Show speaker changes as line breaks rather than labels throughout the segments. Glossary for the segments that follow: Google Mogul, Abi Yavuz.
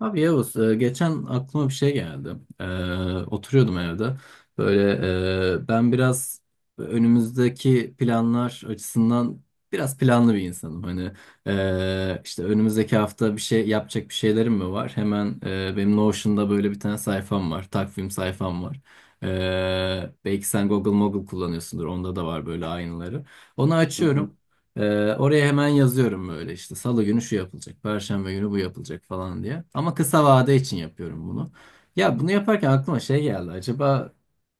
Abi Yavuz, geçen aklıma bir şey geldi. E, oturuyordum evde. Böyle ben biraz önümüzdeki planlar açısından biraz planlı bir insanım. İşte önümüzdeki hafta bir şey yapacak bir şeylerim mi var? Hemen benim Notion'da böyle bir tane sayfam var, takvim sayfam var. Belki sen Google Mogul kullanıyorsundur, onda da var böyle aynıları. Onu
Hı hı.
açıyorum. Oraya hemen yazıyorum böyle işte salı günü şu yapılacak, perşembe günü bu yapılacak falan diye. Ama kısa vade için yapıyorum bunu. Ya bunu yaparken aklıma şey geldi. Acaba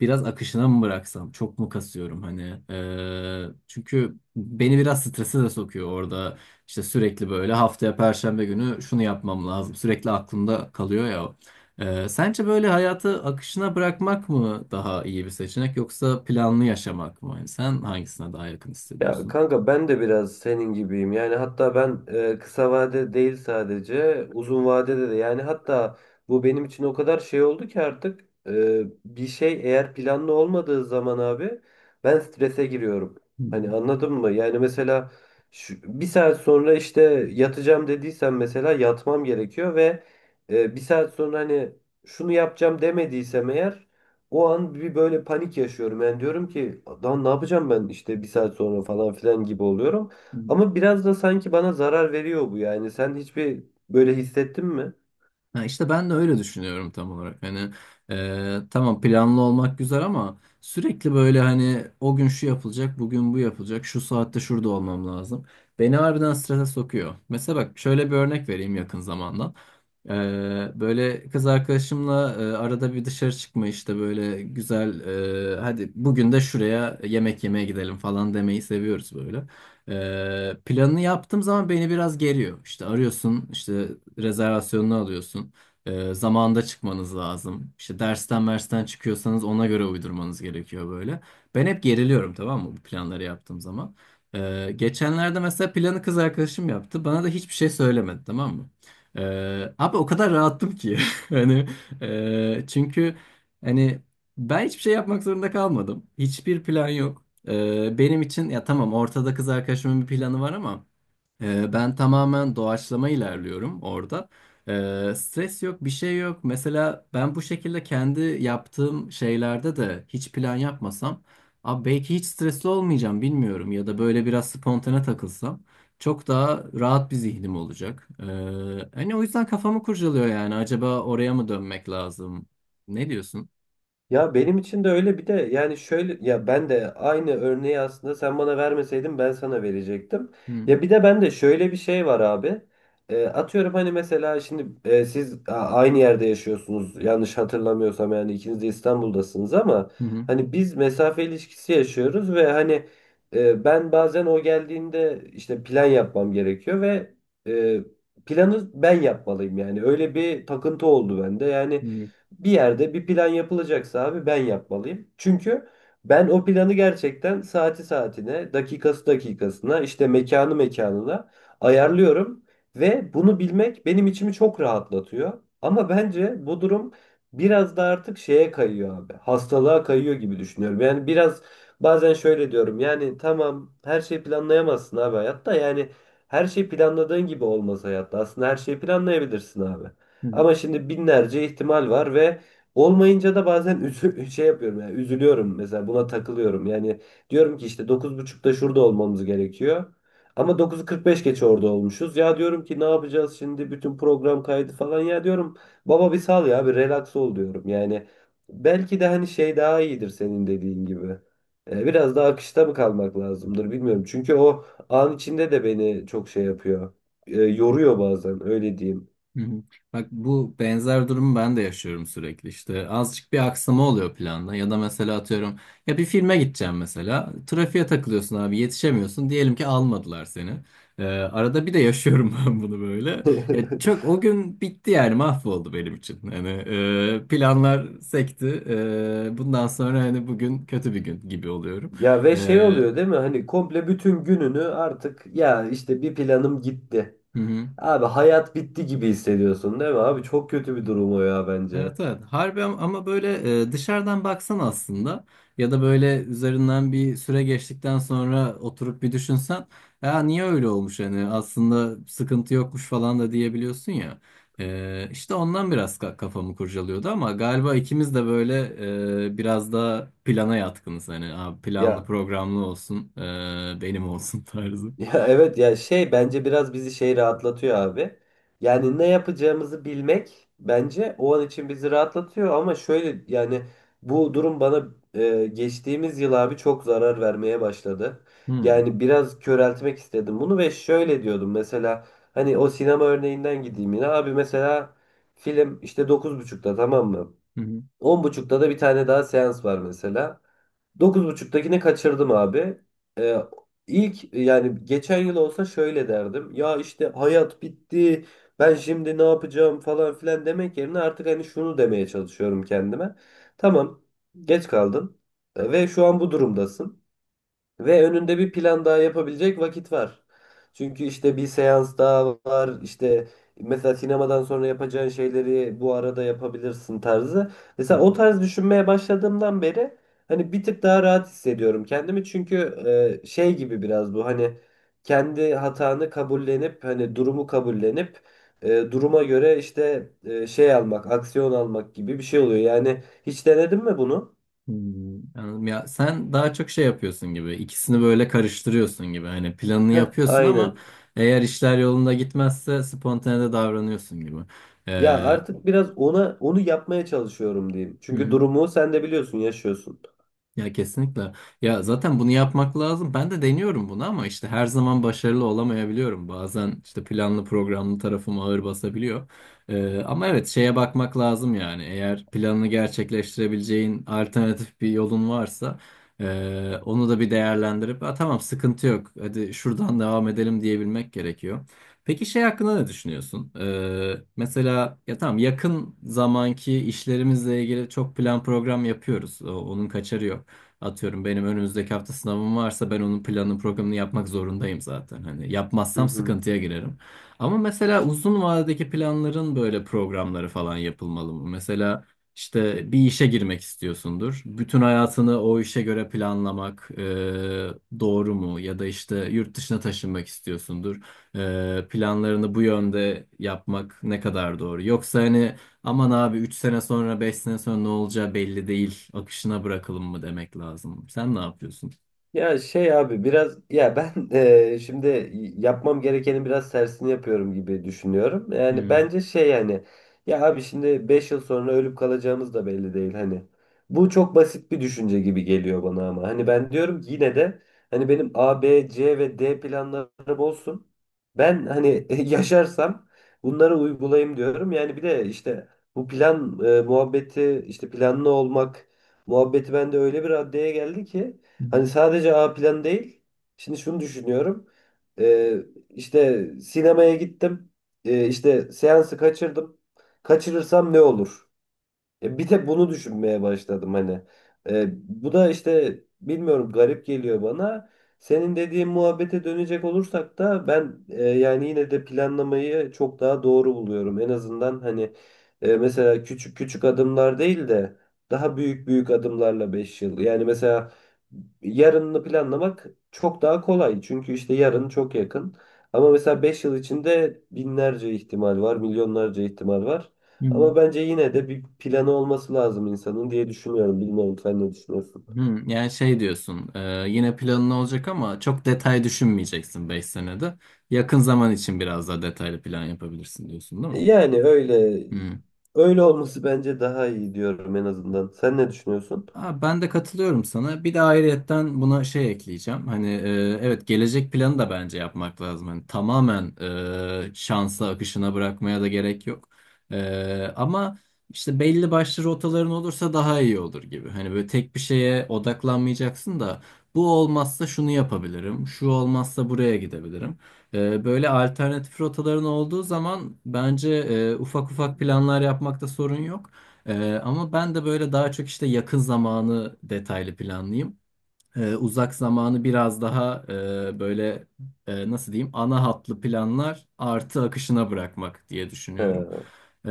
biraz akışına mı bıraksam? Çok mu kasıyorum hani? Çünkü beni biraz strese de sokuyor orada. İşte sürekli böyle haftaya perşembe günü şunu yapmam lazım. Sürekli aklımda kalıyor ya. O. Sence böyle hayatı akışına bırakmak mı daha iyi bir seçenek yoksa planlı yaşamak mı? Yani sen hangisine daha yakın
Ya
hissediyorsun?
kanka ben de biraz senin gibiyim. Yani hatta ben kısa vade değil sadece uzun vadede de yani hatta bu benim için o kadar şey oldu ki artık bir şey eğer planlı olmadığı zaman abi ben strese giriyorum. Hani anladın mı? Yani mesela şu, bir saat sonra işte yatacağım dediysem mesela yatmam gerekiyor ve bir saat sonra hani şunu yapacağım demediysem eğer o an bir böyle panik yaşıyorum. Yani diyorum ki lan ne yapacağım ben işte bir saat sonra falan filan gibi oluyorum.
Hı.
Ama biraz da sanki bana zarar veriyor bu yani. Sen hiçbir böyle hissettin mi?
Ha işte ben de öyle düşünüyorum tam olarak. Tamam planlı olmak güzel ama sürekli böyle hani o gün şu yapılacak, bugün bu yapılacak, şu saatte şurada olmam lazım. Beni harbiden strese sokuyor. Mesela bak şöyle bir örnek vereyim yakın zamandan. E, böyle kız arkadaşımla arada bir dışarı çıkma işte böyle güzel hadi bugün de şuraya yemek yemeye gidelim falan demeyi seviyoruz böyle. Planını yaptığım zaman beni biraz geriyor. İşte arıyorsun, işte rezervasyonunu alıyorsun. Zamanında çıkmanız lazım. İşte dersten çıkıyorsanız ona göre uydurmanız gerekiyor böyle. Ben hep geriliyorum tamam mı bu planları yaptığım zaman. Geçenlerde mesela planı kız arkadaşım yaptı. Bana da hiçbir şey söylemedi tamam mı? Abi o kadar rahattım ki. Hani çünkü hani ben hiçbir şey yapmak zorunda kalmadım. Hiçbir plan yok. Benim için ya tamam ortada kız arkadaşımın bir planı var ama ben tamamen doğaçlama ilerliyorum orada. Stres yok, bir şey yok. Mesela ben bu şekilde kendi yaptığım şeylerde de hiç plan yapmasam, abi belki hiç stresli olmayacağım bilmiyorum ya da böyle biraz spontane takılsam çok daha rahat bir zihnim olacak. Hani o yüzden kafamı kurcalıyor yani acaba oraya mı dönmek lazım? Ne diyorsun?
Ya benim için de öyle bir de yani şöyle ya ben de aynı örneği aslında sen bana vermeseydin ben sana verecektim.
Hı
Ya bir de ben de şöyle bir şey var abi. Atıyorum hani mesela şimdi siz aynı yerde yaşıyorsunuz yanlış hatırlamıyorsam yani ikiniz de İstanbul'dasınız ama
hı hı.
hani biz mesafe ilişkisi yaşıyoruz ve hani ben bazen o geldiğinde işte plan yapmam gerekiyor ve e, planı ben yapmalıyım yani öyle bir takıntı oldu bende yani.
hı,
Bir yerde bir plan yapılacaksa abi ben yapmalıyım. Çünkü ben o planı gerçekten saati saatine, dakikası dakikasına, işte mekanı mekanına ayarlıyorum ve bunu bilmek benim içimi çok rahatlatıyor. Ama bence bu durum biraz da artık şeye kayıyor abi. Hastalığa kayıyor gibi düşünüyorum. Yani biraz bazen şöyle diyorum. Yani tamam her şeyi planlayamazsın abi hayatta. Yani her şey planladığın gibi olmaz hayatta. Aslında her şeyi planlayabilirsin abi.
hı.
Ama şimdi binlerce ihtimal var ve olmayınca da bazen şey yapıyorum yani üzülüyorum mesela buna takılıyorum. Yani diyorum ki işte 9.30'da şurada olmamız gerekiyor. Ama 9.45 geç orada olmuşuz. Ya diyorum ki ne yapacağız şimdi bütün program kaydı falan ya diyorum baba bir sal ya bir relax ol diyorum. Yani belki de hani şey daha iyidir senin dediğin gibi. Biraz daha akışta mı kalmak lazımdır bilmiyorum. Çünkü o an içinde de beni çok şey yapıyor. Yoruyor bazen öyle diyeyim.
Hı hı. Bak bu benzer durumu ben de yaşıyorum sürekli. İşte azıcık bir aksama oluyor planda ya da mesela atıyorum ya bir filme gideceğim mesela trafiğe takılıyorsun abi yetişemiyorsun diyelim ki almadılar seni. Arada bir de yaşıyorum ben bunu böyle ya çok o gün bitti yani mahvoldu benim için hani planlar sekti. Bundan sonra hani bugün kötü bir gün gibi oluyorum.
Ya ve şey
Hı
oluyor değil mi? Hani komple bütün gününü artık ya işte bir planım gitti.
hı.
Abi hayat bitti gibi hissediyorsun değil mi? Abi çok kötü bir durum o ya bence.
Evet evet ama böyle dışarıdan baksan aslında ya da böyle üzerinden bir süre geçtikten sonra oturup bir düşünsen ya niye öyle olmuş hani aslında sıkıntı yokmuş falan da diyebiliyorsun ya. İşte ondan biraz kafamı kurcalıyordu ama galiba ikimiz de böyle biraz da plana yatkınız hani "Aa, planlı
Ya.
programlı olsun benim olsun" tarzı.
Ya evet ya şey bence biraz bizi şey rahatlatıyor abi. Yani ne yapacağımızı bilmek bence o an için bizi rahatlatıyor ama şöyle yani bu durum bana geçtiğimiz yıl abi çok zarar vermeye başladı.
Hmm.
Yani biraz köreltmek istedim bunu ve şöyle diyordum mesela hani o sinema örneğinden gideyim yine abi mesela film işte 9.30'da tamam mı?
Hı
10.30'da da bir tane daha seans var mesela. 9.30'dakini kaçırdım abi. Ee, ilk yani geçen yıl olsa şöyle derdim. Ya işte hayat bitti. Ben şimdi ne yapacağım falan filan demek yerine artık hani şunu demeye çalışıyorum kendime. Tamam, geç kaldın ve şu an bu durumdasın. Ve önünde bir plan daha yapabilecek vakit var. Çünkü işte bir seans daha var. İşte mesela sinemadan sonra yapacağın şeyleri bu arada yapabilirsin tarzı.
hı.
Mesela o tarz düşünmeye başladığımdan beri hani bir tık daha rahat hissediyorum kendimi. Çünkü şey gibi biraz bu hani kendi hatanı kabullenip hani durumu kabullenip duruma göre işte şey almak, aksiyon almak gibi bir şey oluyor. Yani hiç denedin mi bunu?
Hmm, anladım. Ya sen daha çok şey yapıyorsun gibi, ikisini böyle karıştırıyorsun gibi. Hani planını
Heh,
yapıyorsun ama
aynen.
eğer işler yolunda gitmezse spontane de davranıyorsun gibi.
Ya
Ee,
artık biraz onu yapmaya çalışıyorum diyeyim.
hı
Çünkü
hı.
durumu sen de biliyorsun, yaşıyorsun.
Ya kesinlikle. Ya zaten bunu yapmak lazım. Ben de deniyorum bunu ama işte her zaman başarılı olamayabiliyorum. Bazen işte planlı programlı tarafım ağır basabiliyor. Ama evet şeye bakmak lazım yani. Eğer planını gerçekleştirebileceğin alternatif bir yolun varsa onu da bir değerlendirip "Aa, tamam sıkıntı yok. Hadi şuradan devam edelim" diyebilmek gerekiyor. Peki şey hakkında ne düşünüyorsun? Mesela ya tamam yakın zamanki işlerimizle ilgili çok plan program yapıyoruz. Onun kaçarı yok. Atıyorum benim önümüzdeki hafta sınavım varsa ben onun planını programını yapmak zorundayım zaten. Hani
Hı
yapmazsam
hı.
sıkıntıya girerim. Ama mesela uzun vadedeki planların böyle programları falan yapılmalı mı? Mesela işte bir işe girmek istiyorsundur. Bütün hayatını o işe göre planlamak doğru mu? Ya da işte yurt dışına taşınmak istiyorsundur. Planlarını bu yönde yapmak ne kadar doğru? Yoksa hani "Aman abi 3 sene sonra 5 sene sonra ne olacağı belli değil. Akışına bırakalım" mı demek lazım. Sen ne yapıyorsun?
Ya şey abi biraz ya ben şimdi yapmam gerekenin biraz tersini yapıyorum gibi düşünüyorum. Yani
Hmm.
bence şey yani ya abi şimdi 5 yıl sonra ölüp kalacağımız da belli değil hani. Bu çok basit bir düşünce gibi geliyor bana ama. Hani ben diyorum ki yine de hani benim A, B, C ve D planlarım olsun. Ben hani yaşarsam bunları uygulayayım diyorum. Yani bir de işte bu plan muhabbeti işte planlı olmak muhabbeti bende öyle bir raddeye geldi ki hani sadece A plan değil. Şimdi şunu düşünüyorum. Ee, işte sinemaya gittim. İşte seansı kaçırdım. Kaçırırsam ne olur? Bir tek bunu düşünmeye başladım hani. E, bu da işte bilmiyorum garip geliyor bana. Senin dediğin muhabbete dönecek olursak da ben yani yine de planlamayı çok daha doğru buluyorum. En azından hani mesela küçük küçük adımlar değil de daha büyük büyük adımlarla 5 yıl. Yani mesela yarınını planlamak çok daha kolay. Çünkü işte yarın çok yakın. Ama mesela 5 yıl içinde binlerce ihtimal var, milyonlarca ihtimal var.
Hmm.
Ama bence yine de bir planı olması lazım insanın diye düşünüyorum. Bilmiyorum sen ne düşünüyorsun?
Hmm. Yani şey diyorsun yine planın olacak ama çok detay düşünmeyeceksin 5 senede. Yakın zaman için biraz daha detaylı plan yapabilirsin diyorsun değil mi?
Yani öyle olması bence daha iyi diyorum en azından. Sen ne düşünüyorsun?
Ha, ben de katılıyorum sana. Bir de ayrıyetten buna şey ekleyeceğim. Evet gelecek planı da bence yapmak lazım. Hani tamamen şansa, akışına bırakmaya da gerek yok. Ama işte belli başlı rotaların olursa daha iyi olur gibi. Hani böyle tek bir şeye odaklanmayacaksın da bu olmazsa şunu yapabilirim, şu olmazsa buraya gidebilirim. Böyle alternatif rotaların olduğu zaman bence ufak ufak planlar yapmakta sorun yok. Ama ben de böyle daha çok işte yakın zamanı detaylı planlayayım. Uzak zamanı biraz daha böyle nasıl diyeyim ana hatlı planlar artı akışına bırakmak diye
He,
düşünüyorum. Ee,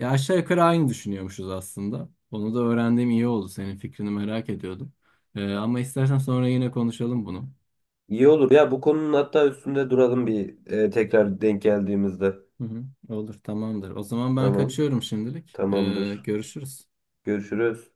ya aşağı yukarı aynı düşünüyormuşuz aslında. Onu da öğrendiğim iyi oldu. Senin fikrini merak ediyordum. Ama istersen sonra yine konuşalım bunu.
iyi olur. Ya bu konunun hatta üstünde duralım bir tekrar denk geldiğimizde.
Hı hı, olur tamamdır. O zaman ben
Tamam,
kaçıyorum şimdilik.
tamamdır.
Görüşürüz.
Görüşürüz.